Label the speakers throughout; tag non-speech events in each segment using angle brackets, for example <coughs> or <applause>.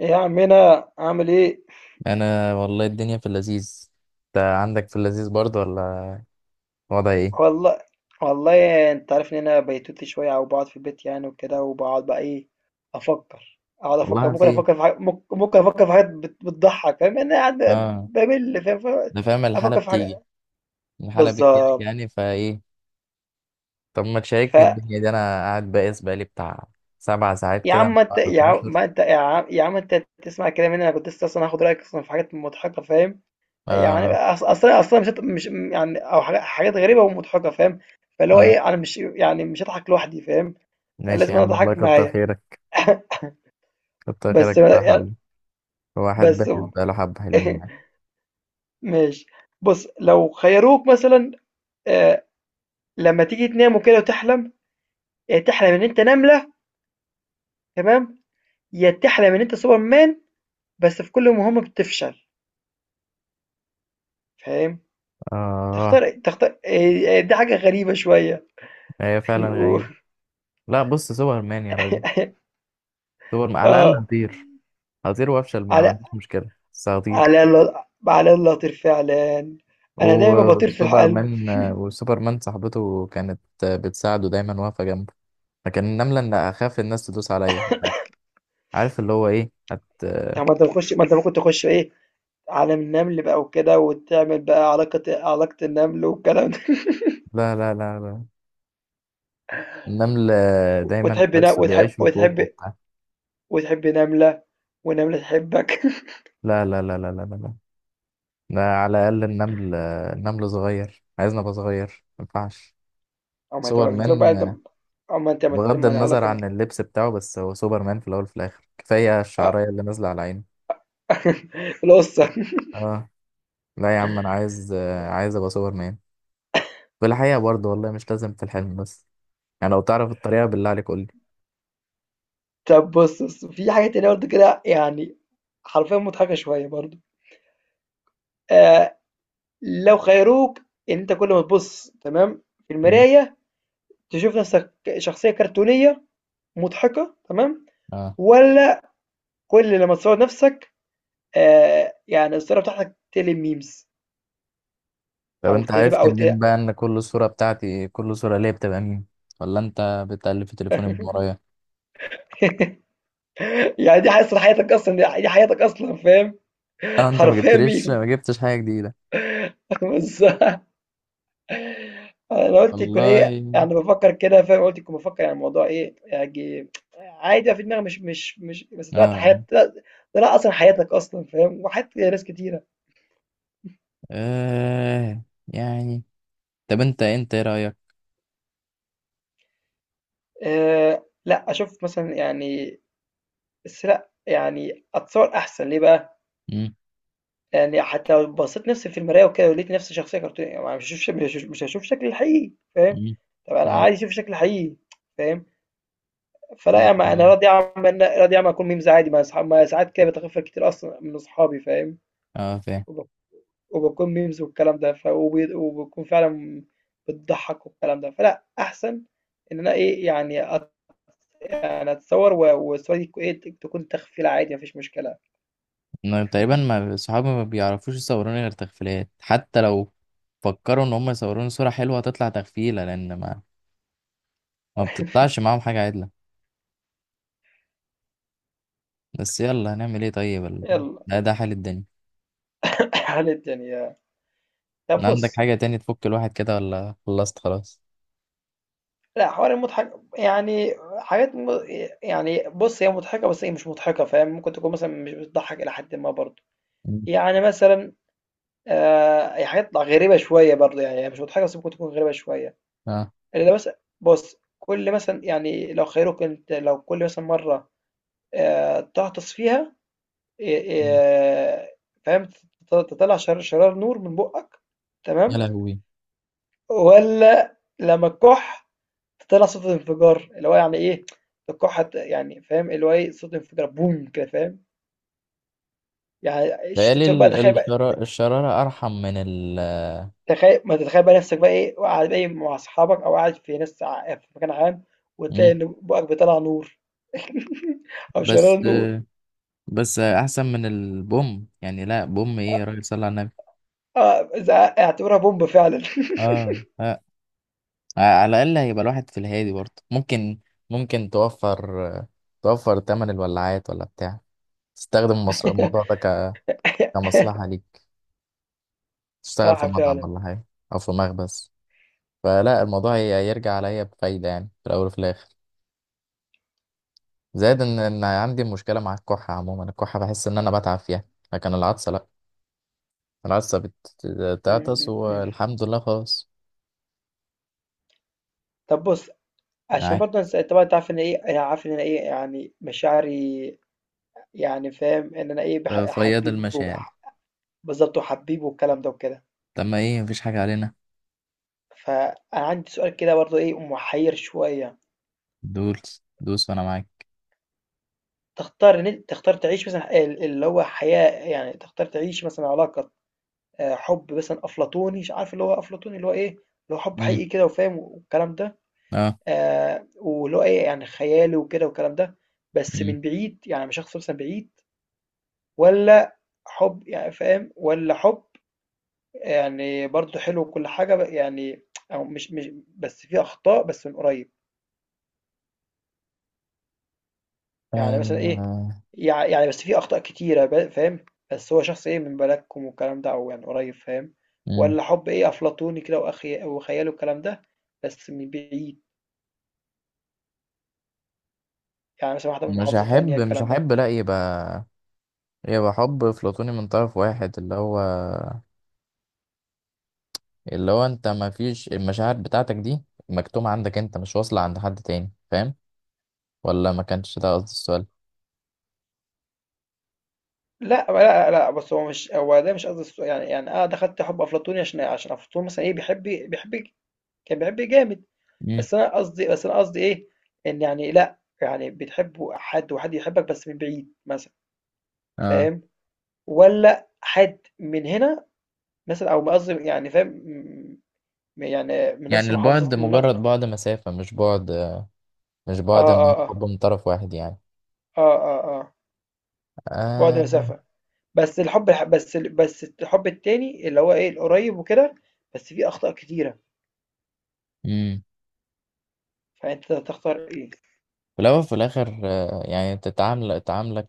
Speaker 1: ايه يا عمنا عامل ايه؟
Speaker 2: انا والله الدنيا في اللذيذ. انت عندك في اللذيذ برضه ولا؟ وضع ايه؟
Speaker 1: والله والله انت عارف ان انا بيتوتي شويه، او بقعد في البيت يعني وكده، وبقعد بقى ايه، افكر، اقعد افكر،
Speaker 2: والله
Speaker 1: ممكن
Speaker 2: في.
Speaker 1: افكر في حاجات، ممكن افكر في حاجات بتضحك. فاهم انا قاعد
Speaker 2: اه،
Speaker 1: بمل؟ فاهم؟
Speaker 2: انا فاهم الحالة
Speaker 1: افكر في
Speaker 2: بتيجي.
Speaker 1: حاجه.
Speaker 2: الحالة بتجيلك
Speaker 1: بالظبط.
Speaker 2: يعني فايه. طب ما
Speaker 1: ف
Speaker 2: تشاركني الدنيا دي، انا قاعد بائس بقالي بتاع سبع ساعات
Speaker 1: يا
Speaker 2: كده من
Speaker 1: عم انت،
Speaker 2: بعد
Speaker 1: يا عم
Speaker 2: 12.
Speaker 1: ما انت يا عم يا عم انت تسمع كده مني، انا كنت لسه اصلا هاخد رايك اصلا في حاجات مضحكه فاهم. يعني
Speaker 2: اه
Speaker 1: اصلا مش يعني، او حاجات غريبه ومضحكه فاهم. فاللي هو
Speaker 2: اه
Speaker 1: ايه، انا مش يعني، مش هضحك لوحدي فاهم،
Speaker 2: ماشي
Speaker 1: لازم
Speaker 2: يا
Speaker 1: أنا
Speaker 2: عم والله
Speaker 1: أضحّاك
Speaker 2: كتر
Speaker 1: معايا.
Speaker 2: خيرك.
Speaker 1: <laughs>
Speaker 2: كتر خيرك
Speaker 1: بس
Speaker 2: يا
Speaker 1: يعني
Speaker 2: صاحبي. الواحد
Speaker 1: بس
Speaker 2: بائس
Speaker 1: <laughs>
Speaker 2: بقاله حبة حلوين يعني.
Speaker 1: ماشي. بُص، لو خيّروك مثلًا، آآ لمّا تيجي تنام وكده وتحلم، يا تحلم إن أنت نملة، تمام، يا تحلم إن أنت Superman، بس في كل مهمة بتفشل، فاهم؟
Speaker 2: اه.
Speaker 1: تختار دي حاجة غريبة شوية.
Speaker 2: هي
Speaker 1: <laughs>
Speaker 2: فعلا
Speaker 1: و
Speaker 2: غريبة. لا بص سوبر مان يا راجل. سوبر مان على الاقل
Speaker 1: آه،
Speaker 2: هطير. هطير وافشل ما
Speaker 1: على
Speaker 2: عنديش مشكلة بس هطير.
Speaker 1: على ال على الله أطير فعلًا، أنا دايمًا باطير في القلب.
Speaker 2: وسوبرمان صاحبته كانت بتساعده دايما واقفة جنبه. لكن النملة ان اخاف الناس تدوس عليا. عارف اللي هو ايه
Speaker 1: طب ما أنت بتخش، ما أنت ممكن تخش إيه، عالم النمل بقى وكده، وتعمل بقى علاقة، النمل والكلام ده.
Speaker 2: لا لا لا لا، النمل
Speaker 1: <laughs>
Speaker 2: دايما تحس بيعيش
Speaker 1: وتحب
Speaker 2: في كوخ وبتاع.
Speaker 1: وتحب نملة، ونملة تحبك.
Speaker 2: لا لا لا لا لا لا لا، ده على الأقل النمل. النمل صغير عايزنا أبقى صغير ما ينفعش.
Speaker 1: <laughs> أو ما تبقى بالنسبة لك بقى.
Speaker 2: سوبرمان،
Speaker 1: طب، أو ما أنت ما ت-
Speaker 2: بغض
Speaker 1: ما أنا
Speaker 2: النظر
Speaker 1: هقولك
Speaker 2: عن اللبس بتاعه، بس هو سوبرمان في الأول وفي الآخر، كفاية
Speaker 1: آه.
Speaker 2: الشعرية اللي نازلة على عينه.
Speaker 1: <laughs> القصة.
Speaker 2: اه. لا يا عم أنا عايز، أبقى سوبرمان. في الحقيقة برضه والله مش لازم في الحلم بس. يعني لو تعرف الطريقة بالله عليك قول لي.
Speaker 1: طب بص في حاجة تانية برضه كده يعني، حرفيا مضحكة شوية برضه. آه، لو خيروك إن أنت كل ما تبص، تمام، في
Speaker 2: مم.
Speaker 1: المراية، تشوف نفسك شخصية كرتونية مضحكة، تمام،
Speaker 2: اه.
Speaker 1: ولا كل لما تصور نفسك يعني الصورة بتاعتك تقلب memes،
Speaker 2: طب
Speaker 1: أو
Speaker 2: انت
Speaker 1: تقلب
Speaker 2: عرفت
Speaker 1: أو ت
Speaker 2: منين
Speaker 1: <laughs>
Speaker 2: بقى ان كل صورة بتاعتي، كل صورة ليا بتبقى مين؟ ولا انت بتقلب في تليفوني من ورايا؟
Speaker 1: يعني دي أصلًا حياتك أصلًا، دي حياتك أصلًا فاهم،
Speaker 2: اه انت
Speaker 1: حرفيًا meme.
Speaker 2: ما جبتش حاجة جديدة.
Speaker 1: <laughs> بس أنا قُلت يكون إيه،
Speaker 2: والله.
Speaker 1: يعني بافكّر كده فاهم، قُلت يكون بافكّر يعني الموضوع إيه، يعني عادي بقى في دماغي، مش بس
Speaker 2: اه
Speaker 1: طلعت حياة،
Speaker 2: اه
Speaker 1: طلع أصلًا حياتك أصلًا فاهم، وحياة ناس كتيرة.
Speaker 2: آه، يعني. طب انت ايه رأيك؟
Speaker 1: لأ أشوف مثلًا يعني، بس لأ، يعني أتصور أحسن ليه بقى؟
Speaker 2: مم.
Speaker 1: يعني حتى لو بصّيت نفسي في المراية وكده، ولقيت نفسي شخصية كرتونية، ما مش هاشوف شكلي الحقيقي فاهم،
Speaker 2: مم.
Speaker 1: طَب أنا
Speaker 2: اه
Speaker 1: عايز أشوف شكلي الحقيقي فاهم،
Speaker 2: اه
Speaker 1: فلأ، ما
Speaker 2: آه،
Speaker 1: أنا راضي أعمل أكون memes عادي، ما أصحا، ما ساعات كده باتغفل كتير أصلًا من أصحابي فاهم،
Speaker 2: آه، فاهم.
Speaker 1: وب وباكون memes والكلام ده، ف وب وباكون فعلًا بتضحّك والكلام ده، فلأ أحسن إن أنا إيه يعني يعني أتصوّر، والصورة دي تكون تخفيلة عادي ما فيش مشكلة،
Speaker 2: إنه تقريبا ما صحابي ما بيعرفوش يصوروني غير تغفيلات، حتى لو فكروا ان هم يصوروني صورة حلوة هتطلع تغفيلة، لان ما بتطلعش معاهم حاجة عدلة. بس يلا هنعمل ايه طيب
Speaker 1: يالّا
Speaker 2: ده حال الدنيا.
Speaker 1: هانت. <laughs> يعني طَب
Speaker 2: عندك
Speaker 1: بُص،
Speaker 2: حاجة تاني تفك الواحد كده ولا خلصت خلاص؟
Speaker 1: لأ حوار مضحك يعني، حاجات م يعني بُص هي مضحكة بس هي مش مضحكة فاهم، ممكن تكون مثلًا مش بتضحّك إلى حدٍ ما برضه،
Speaker 2: مم.
Speaker 1: يعني مثلًا هي حاجات غريبة شوية برضه، يعني هي مش مضحكة بس ممكن تكون غريبة شوية،
Speaker 2: اه
Speaker 1: اللي مثلًا بُص، كل مثلًا يعني لو خيروك أنت، لو كل مثلًا مرة تغطس فيها،
Speaker 2: مم.
Speaker 1: آآ فاهم، تطلّع شرار نور من بُقّك،
Speaker 2: يا
Speaker 1: تمام،
Speaker 2: لهوي.
Speaker 1: والّا لمّا فطلع صوت الانفجار، اللي هو يعني إيه، القاعة ت يعني فاهم، اللي هو إيه، صوت انفجار بوم كده فاهم، يعني
Speaker 2: بقالي
Speaker 1: تشوف بقى، تخيل بقى،
Speaker 2: الشرارة أرحم من
Speaker 1: تخيل، ما تتخيل بقى نفسك بقى إيه، قاعد بقى إيه مع أصحابك، أو قاعد في ناس في مكان عام، وتلاقي
Speaker 2: مم.
Speaker 1: إن بُقك بيطلّع نور أو شرارة
Speaker 2: بس
Speaker 1: نور،
Speaker 2: بس أحسن من البوم، يعني لا بوم ايه يا راجل صلى على النبي.
Speaker 1: آه، إذا اعتبرها بومب فعلًا.
Speaker 2: اه آه. على الأقل هيبقى الواحد في الهادي برضه، ممكن توفر تمن الولاعات ولا بتاع. تستخدم الموضوع ده
Speaker 1: <laughs>
Speaker 2: كمصلحة ليك، تشتغل في
Speaker 1: صح
Speaker 2: مطعم
Speaker 1: فعلًا.
Speaker 2: ولا حاجة، أو في مخبز. فلا الموضوع يرجع عليا بفايدة يعني في الأول وفي الآخر. زائد إن عندي مشكلة مع الكحة، عموما الكحة بحس إن أنا بتعب فيها. لكن العطسة لأ، العطسة
Speaker 1: إمم،
Speaker 2: بتعطس
Speaker 1: إمم، إمم.
Speaker 2: والحمد لله خلاص.
Speaker 1: طب بُص، عشان
Speaker 2: معاك.
Speaker 1: برضه أنت طبعًا أنت عارف إن إيه، أنا عارف إن أنا إيه، يعني مشاعري، يعني فاهم، إن أنا إيه،
Speaker 2: فياض
Speaker 1: حبيب
Speaker 2: المشاعر.
Speaker 1: بالضبط، وحبيب والكلام ده وكده.
Speaker 2: طب ما إيه مفيش حاجة علينا.
Speaker 1: فأنا عندي سؤال كده برضه إيه، محيّر شوية،
Speaker 2: دوس دوس وأنا معاك.
Speaker 1: تختار إن أنت تعيش مثلًا اللي هو حياة، يعني تختار تعيش مثلًا علاقة، حُب مثلًا أفلاطوني، عارف اللي هو أفلاطوني، اللي هو إيه، اللي هو حُب
Speaker 2: مم.
Speaker 1: حقيقي كده، وفاهم والكلام ده،
Speaker 2: أه
Speaker 1: واللي هو إيه يعني خيالي وكده والكلام ده، بس
Speaker 2: مم.
Speaker 1: من بعيد، يعني من شخص مثلًا بعيد، والّا حُب يعني فاهم، والّا حُب يعني برضه حلو، وكل حاجة يعني، أو مش، بس في أخطاء بس من قريب؟ يعني مثلا إيه،
Speaker 2: آه،
Speaker 1: يعني بس في أخطاء كتيرة فاهم، بس هو شخص إيه من بلدكم والكلام ده، أو يعني قريب فاهم،
Speaker 2: مم.
Speaker 1: ولا حب إيه أفلاطوني كده، وأخي وخياله الكلام ده بس من بعيد، يعني مثلا واحدة من
Speaker 2: مش
Speaker 1: محافظة تانية
Speaker 2: هحب مش
Speaker 1: الكلام ده.
Speaker 2: هحب لا يبقى، يبقى حب أفلاطوني من طرف واحد، اللي هو انت ما فيش المشاعر بتاعتك دي مكتومة عندك انت، مش واصلة عند حد تاني، فاهم؟ ولا ما كانش ده قصدي السؤال.
Speaker 1: لا بس هو مش، هو ده مش قصدي السؤال. يعني أنا دخلت حب أفلاطوني عشان أفلاطون مثلا إيه بيحب، كان بيحب جامد،
Speaker 2: امم
Speaker 1: بس أنا قصدي، إيه، إن يعني لا، يعني بتحب حد وحد يحبك بس من بعيد مثلا
Speaker 2: اه.
Speaker 1: فاهم، ولا حد من هنا مثلًا، أو قصدي يعني فاهم، يعني من
Speaker 2: يعني
Speaker 1: نفس
Speaker 2: البعد
Speaker 1: محافظة من آه،
Speaker 2: مجرد بعد مسافة، مش بعد،
Speaker 1: آه،
Speaker 2: ان هو
Speaker 1: آه،
Speaker 2: حب من طرف واحد يعني.
Speaker 1: آه، آه، آه، بُعد
Speaker 2: آه.
Speaker 1: مسافة، بس الحُب الح بس ال بس الحُب التاني اللي هو إيه، القريّب وكده، بس فيه أخطاء كتيرة،
Speaker 2: امم.
Speaker 1: فأنت تختار إيه؟
Speaker 2: في الاول وفي الاخر آه، يعني تعاملك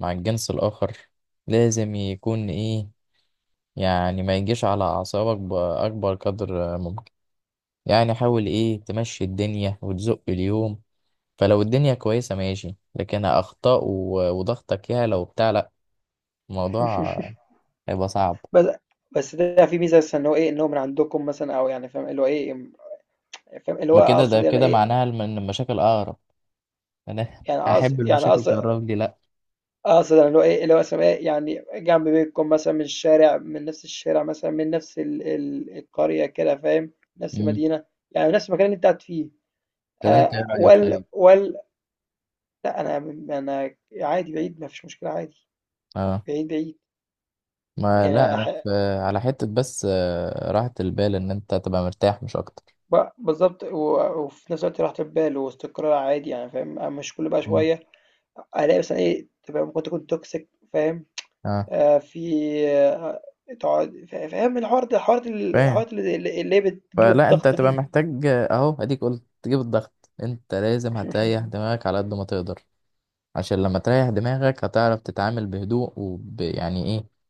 Speaker 2: مع الجنس الاخر لازم يكون ايه، يعني ما يجيش على اعصابك باكبر قدر ممكن. يعني حاول ايه تمشي الدنيا وتزق اليوم. فلو الدنيا كويسة ماشي، لكن أخطاء وضغطك يا لو بتاع، لأ، الموضوع هيبقى صعب.
Speaker 1: بس بس ده فيه ميزة مثلًا إن هو إيه، إن هو من عندكم مثلًا، أو يعني فاهم اللي هو إيه، فاهم اللي
Speaker 2: ما
Speaker 1: هو
Speaker 2: كده، ده
Speaker 1: أقصد يعني
Speaker 2: كده
Speaker 1: إيه،
Speaker 2: معناها إن المشاكل أقرب. أنا
Speaker 1: يعني
Speaker 2: <laughs> أحب
Speaker 1: يعني
Speaker 2: المشاكل تقرب لي؟ لأ.
Speaker 1: أقصد اللي هو إيه، اللي هو مثلًا إيه، يعني جنب بيتكم مثلًا، من الشارع، من نفس الشارع مثلًا، من نفس ال ال القرية كده فاهم، نفس
Speaker 2: مم.
Speaker 1: المدينة، يعني نفس المكان اللي أنت قاعد فيه.
Speaker 2: طب أنت إيه رأيك
Speaker 1: وال
Speaker 2: طيب؟
Speaker 1: وال لأ أنا أنا عادي، بعيد ما فيش مشكلة عادي،
Speaker 2: أه.
Speaker 1: بعيد،
Speaker 2: ما لأ
Speaker 1: يعني
Speaker 2: أنا في، على حتة بس آه، راحة البال إن أنت تبقى مرتاح مش أكتر.
Speaker 1: بالضبط، و وفي نفس الوقت راحة البال واستقرار عادي يعني فاهم، مش كل بقى
Speaker 2: مم.
Speaker 1: شوية ألاقي مثلًا إيه، طب أنا ممكن تكون toxic فاهم؟
Speaker 2: أه
Speaker 1: آه، في آه، تقعد فاهم الحوار ده،
Speaker 2: فاهم.
Speaker 1: الحوارات اللي هي بتجيب
Speaker 2: فلا أنت
Speaker 1: الضغط
Speaker 2: هتبقى
Speaker 1: دي.
Speaker 2: محتاج آه، أهو أديك قلت تجيب الضغط، أنت لازم هتريح
Speaker 1: <laughs>
Speaker 2: دماغك على قد ما تقدر. عشان لما تريح دماغك هتعرف تتعامل بهدوء يعني ايه،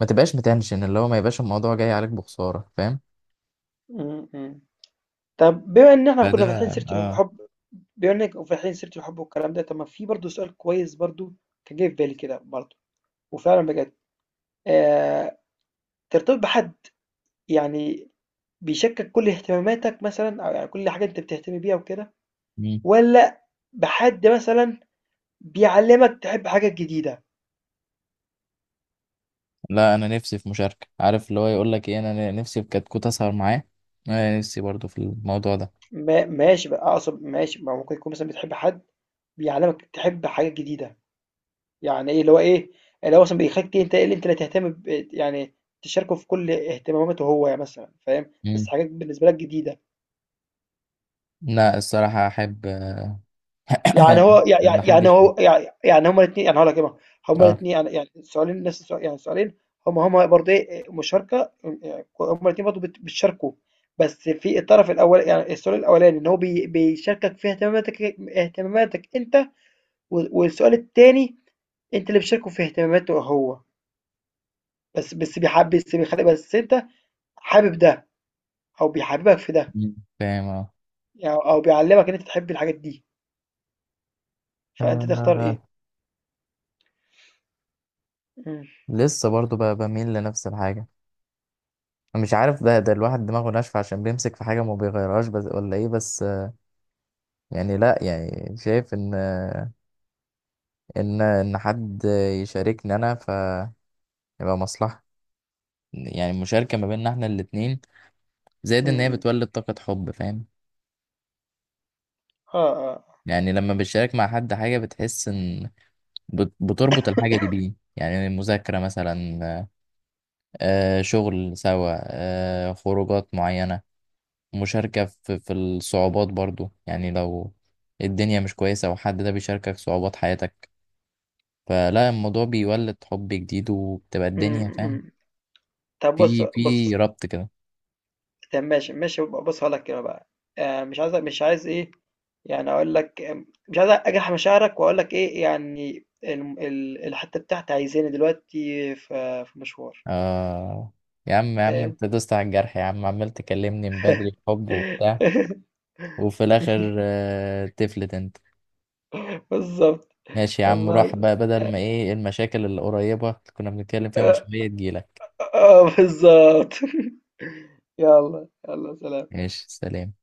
Speaker 2: ما تبقاش متنشن، اللي هو ما يبقاش الموضوع جاي عليك بخسارة، فاهم؟
Speaker 1: م- م. طب بما ان احنا
Speaker 2: فده
Speaker 1: كنا فاتحين سيرة
Speaker 2: اه
Speaker 1: الحب، بما انك فاتحين سيرة الحب والكلام ده، طب ما في برضه سؤال كويس برضه كان جاي في بالي كده برضه، وفعلا بجد، آه، ترتبط بحد يعني بيشكك كل اهتماماتك مثلا، او يعني كل حاجة انت بتهتم بيها وكده،
Speaker 2: مم.
Speaker 1: ولا بحد مثلا بيعلمك تحب حاجة جديدة.
Speaker 2: لا انا نفسي في مشاركة، عارف اللي هو يقول لك ايه، انا نفسي في كتكوت اسهر معاه. انا نفسي برضو في الموضوع ده.
Speaker 1: ما ماشي بقى، اقصد ماشي، ما ممكن يكون مثلا بتحب حد بيعلمك تحب حاجات جديده، يعني ايه اللي هو ايه، اللي هو مثلا بيخليك انت ايه اللي انت لا تهتم ب... يعني تشاركه في كل اهتماماته هو، يعني مثلا فاهم بس
Speaker 2: مم.
Speaker 1: حاجات بالنسبه لك جديده.
Speaker 2: لا الصراحة احب
Speaker 1: يعني
Speaker 2: <coughs>
Speaker 1: هو
Speaker 2: ان حد
Speaker 1: يعني
Speaker 2: يشارك.
Speaker 1: هو يعني هما الاثنين، يعني هقول لك ايه بقى، هما
Speaker 2: اه
Speaker 1: الاثنين يعني، يعني السؤالين نفس السؤال، يعني السؤالين هما هما برضه ايه، مشاركه يعني، هما الاثنين برضه بتشاركوا، بس في الطرف الاول يعني السؤال الاولاني ان هو بيشاركك في اهتماماتك، انت، والسؤال التاني أنت اللي بتشاركه في اهتماماته هو، بس بس بيحب بس بيخلّي بس أنت حابب ده، أو بيحببك في ده،
Speaker 2: مم. فاهم اه
Speaker 1: يعني أو بيعلّمك إن أنت تحب الحاجات دي، فأنت تختار
Speaker 2: آه،
Speaker 1: إيه؟ إمم،
Speaker 2: لسه برضو بميل لنفس الحاجة. مش عارف ده الواحد دماغه ناشفة عشان بيمسك في حاجة ما بيغيرهاش بس، ولا ايه بس. يعني لا يعني شايف ان، ان حد يشاركني انا فيبقى مصلحة، يعني المشاركة ما بيننا احنا الاتنين، زائد
Speaker 1: إمم،
Speaker 2: ان هي
Speaker 1: إمم،
Speaker 2: بتولد طاقة حب، فاهم؟
Speaker 1: آه، آه،
Speaker 2: يعني لما بتشارك مع حد حاجة بتحس ان بتربط الحاجة دي بيه، يعني مذاكرة مثلا، آه، شغل سوا، آه، خروجات معينة، مشاركة في الصعوبات برضو، يعني لو الدنيا مش كويسة وحد ده بيشاركك صعوبات حياتك، فلا الموضوع بيولد حب جديد وبتبقى الدنيا
Speaker 1: إمم،
Speaker 2: فاهم.
Speaker 1: إمم، طب بُص
Speaker 2: في
Speaker 1: بُص
Speaker 2: في ربط كده.
Speaker 1: طب ماشي، بُص هاقول لك كده بقى، مش عايز إيه، يعني أقول لك مش عايز أجرح مشاعرك، وأقول لك إيه، يعني الم ال الحتّة بتاعتي عايزاني دلوقتي في مشوار،
Speaker 2: آه يا عم، يا عم
Speaker 1: فاهم؟
Speaker 2: انت دوست على الجرح يا عم، عمال تكلمني من بدري في
Speaker 1: <laughs>
Speaker 2: حب وبتاع، وفي الاخر آه تفلت انت.
Speaker 1: بالضبط.
Speaker 2: ماشي يا عم
Speaker 1: والله
Speaker 2: روح
Speaker 1: <laughs>
Speaker 2: بقى، بدل ما
Speaker 1: آه,
Speaker 2: ايه المشاكل اللي قريبة اللي كنا بنتكلم فيها من
Speaker 1: آه,
Speaker 2: شوية تجيلك.
Speaker 1: آه بالظبط <laughs> يلا سلام.
Speaker 2: ماشي سلام.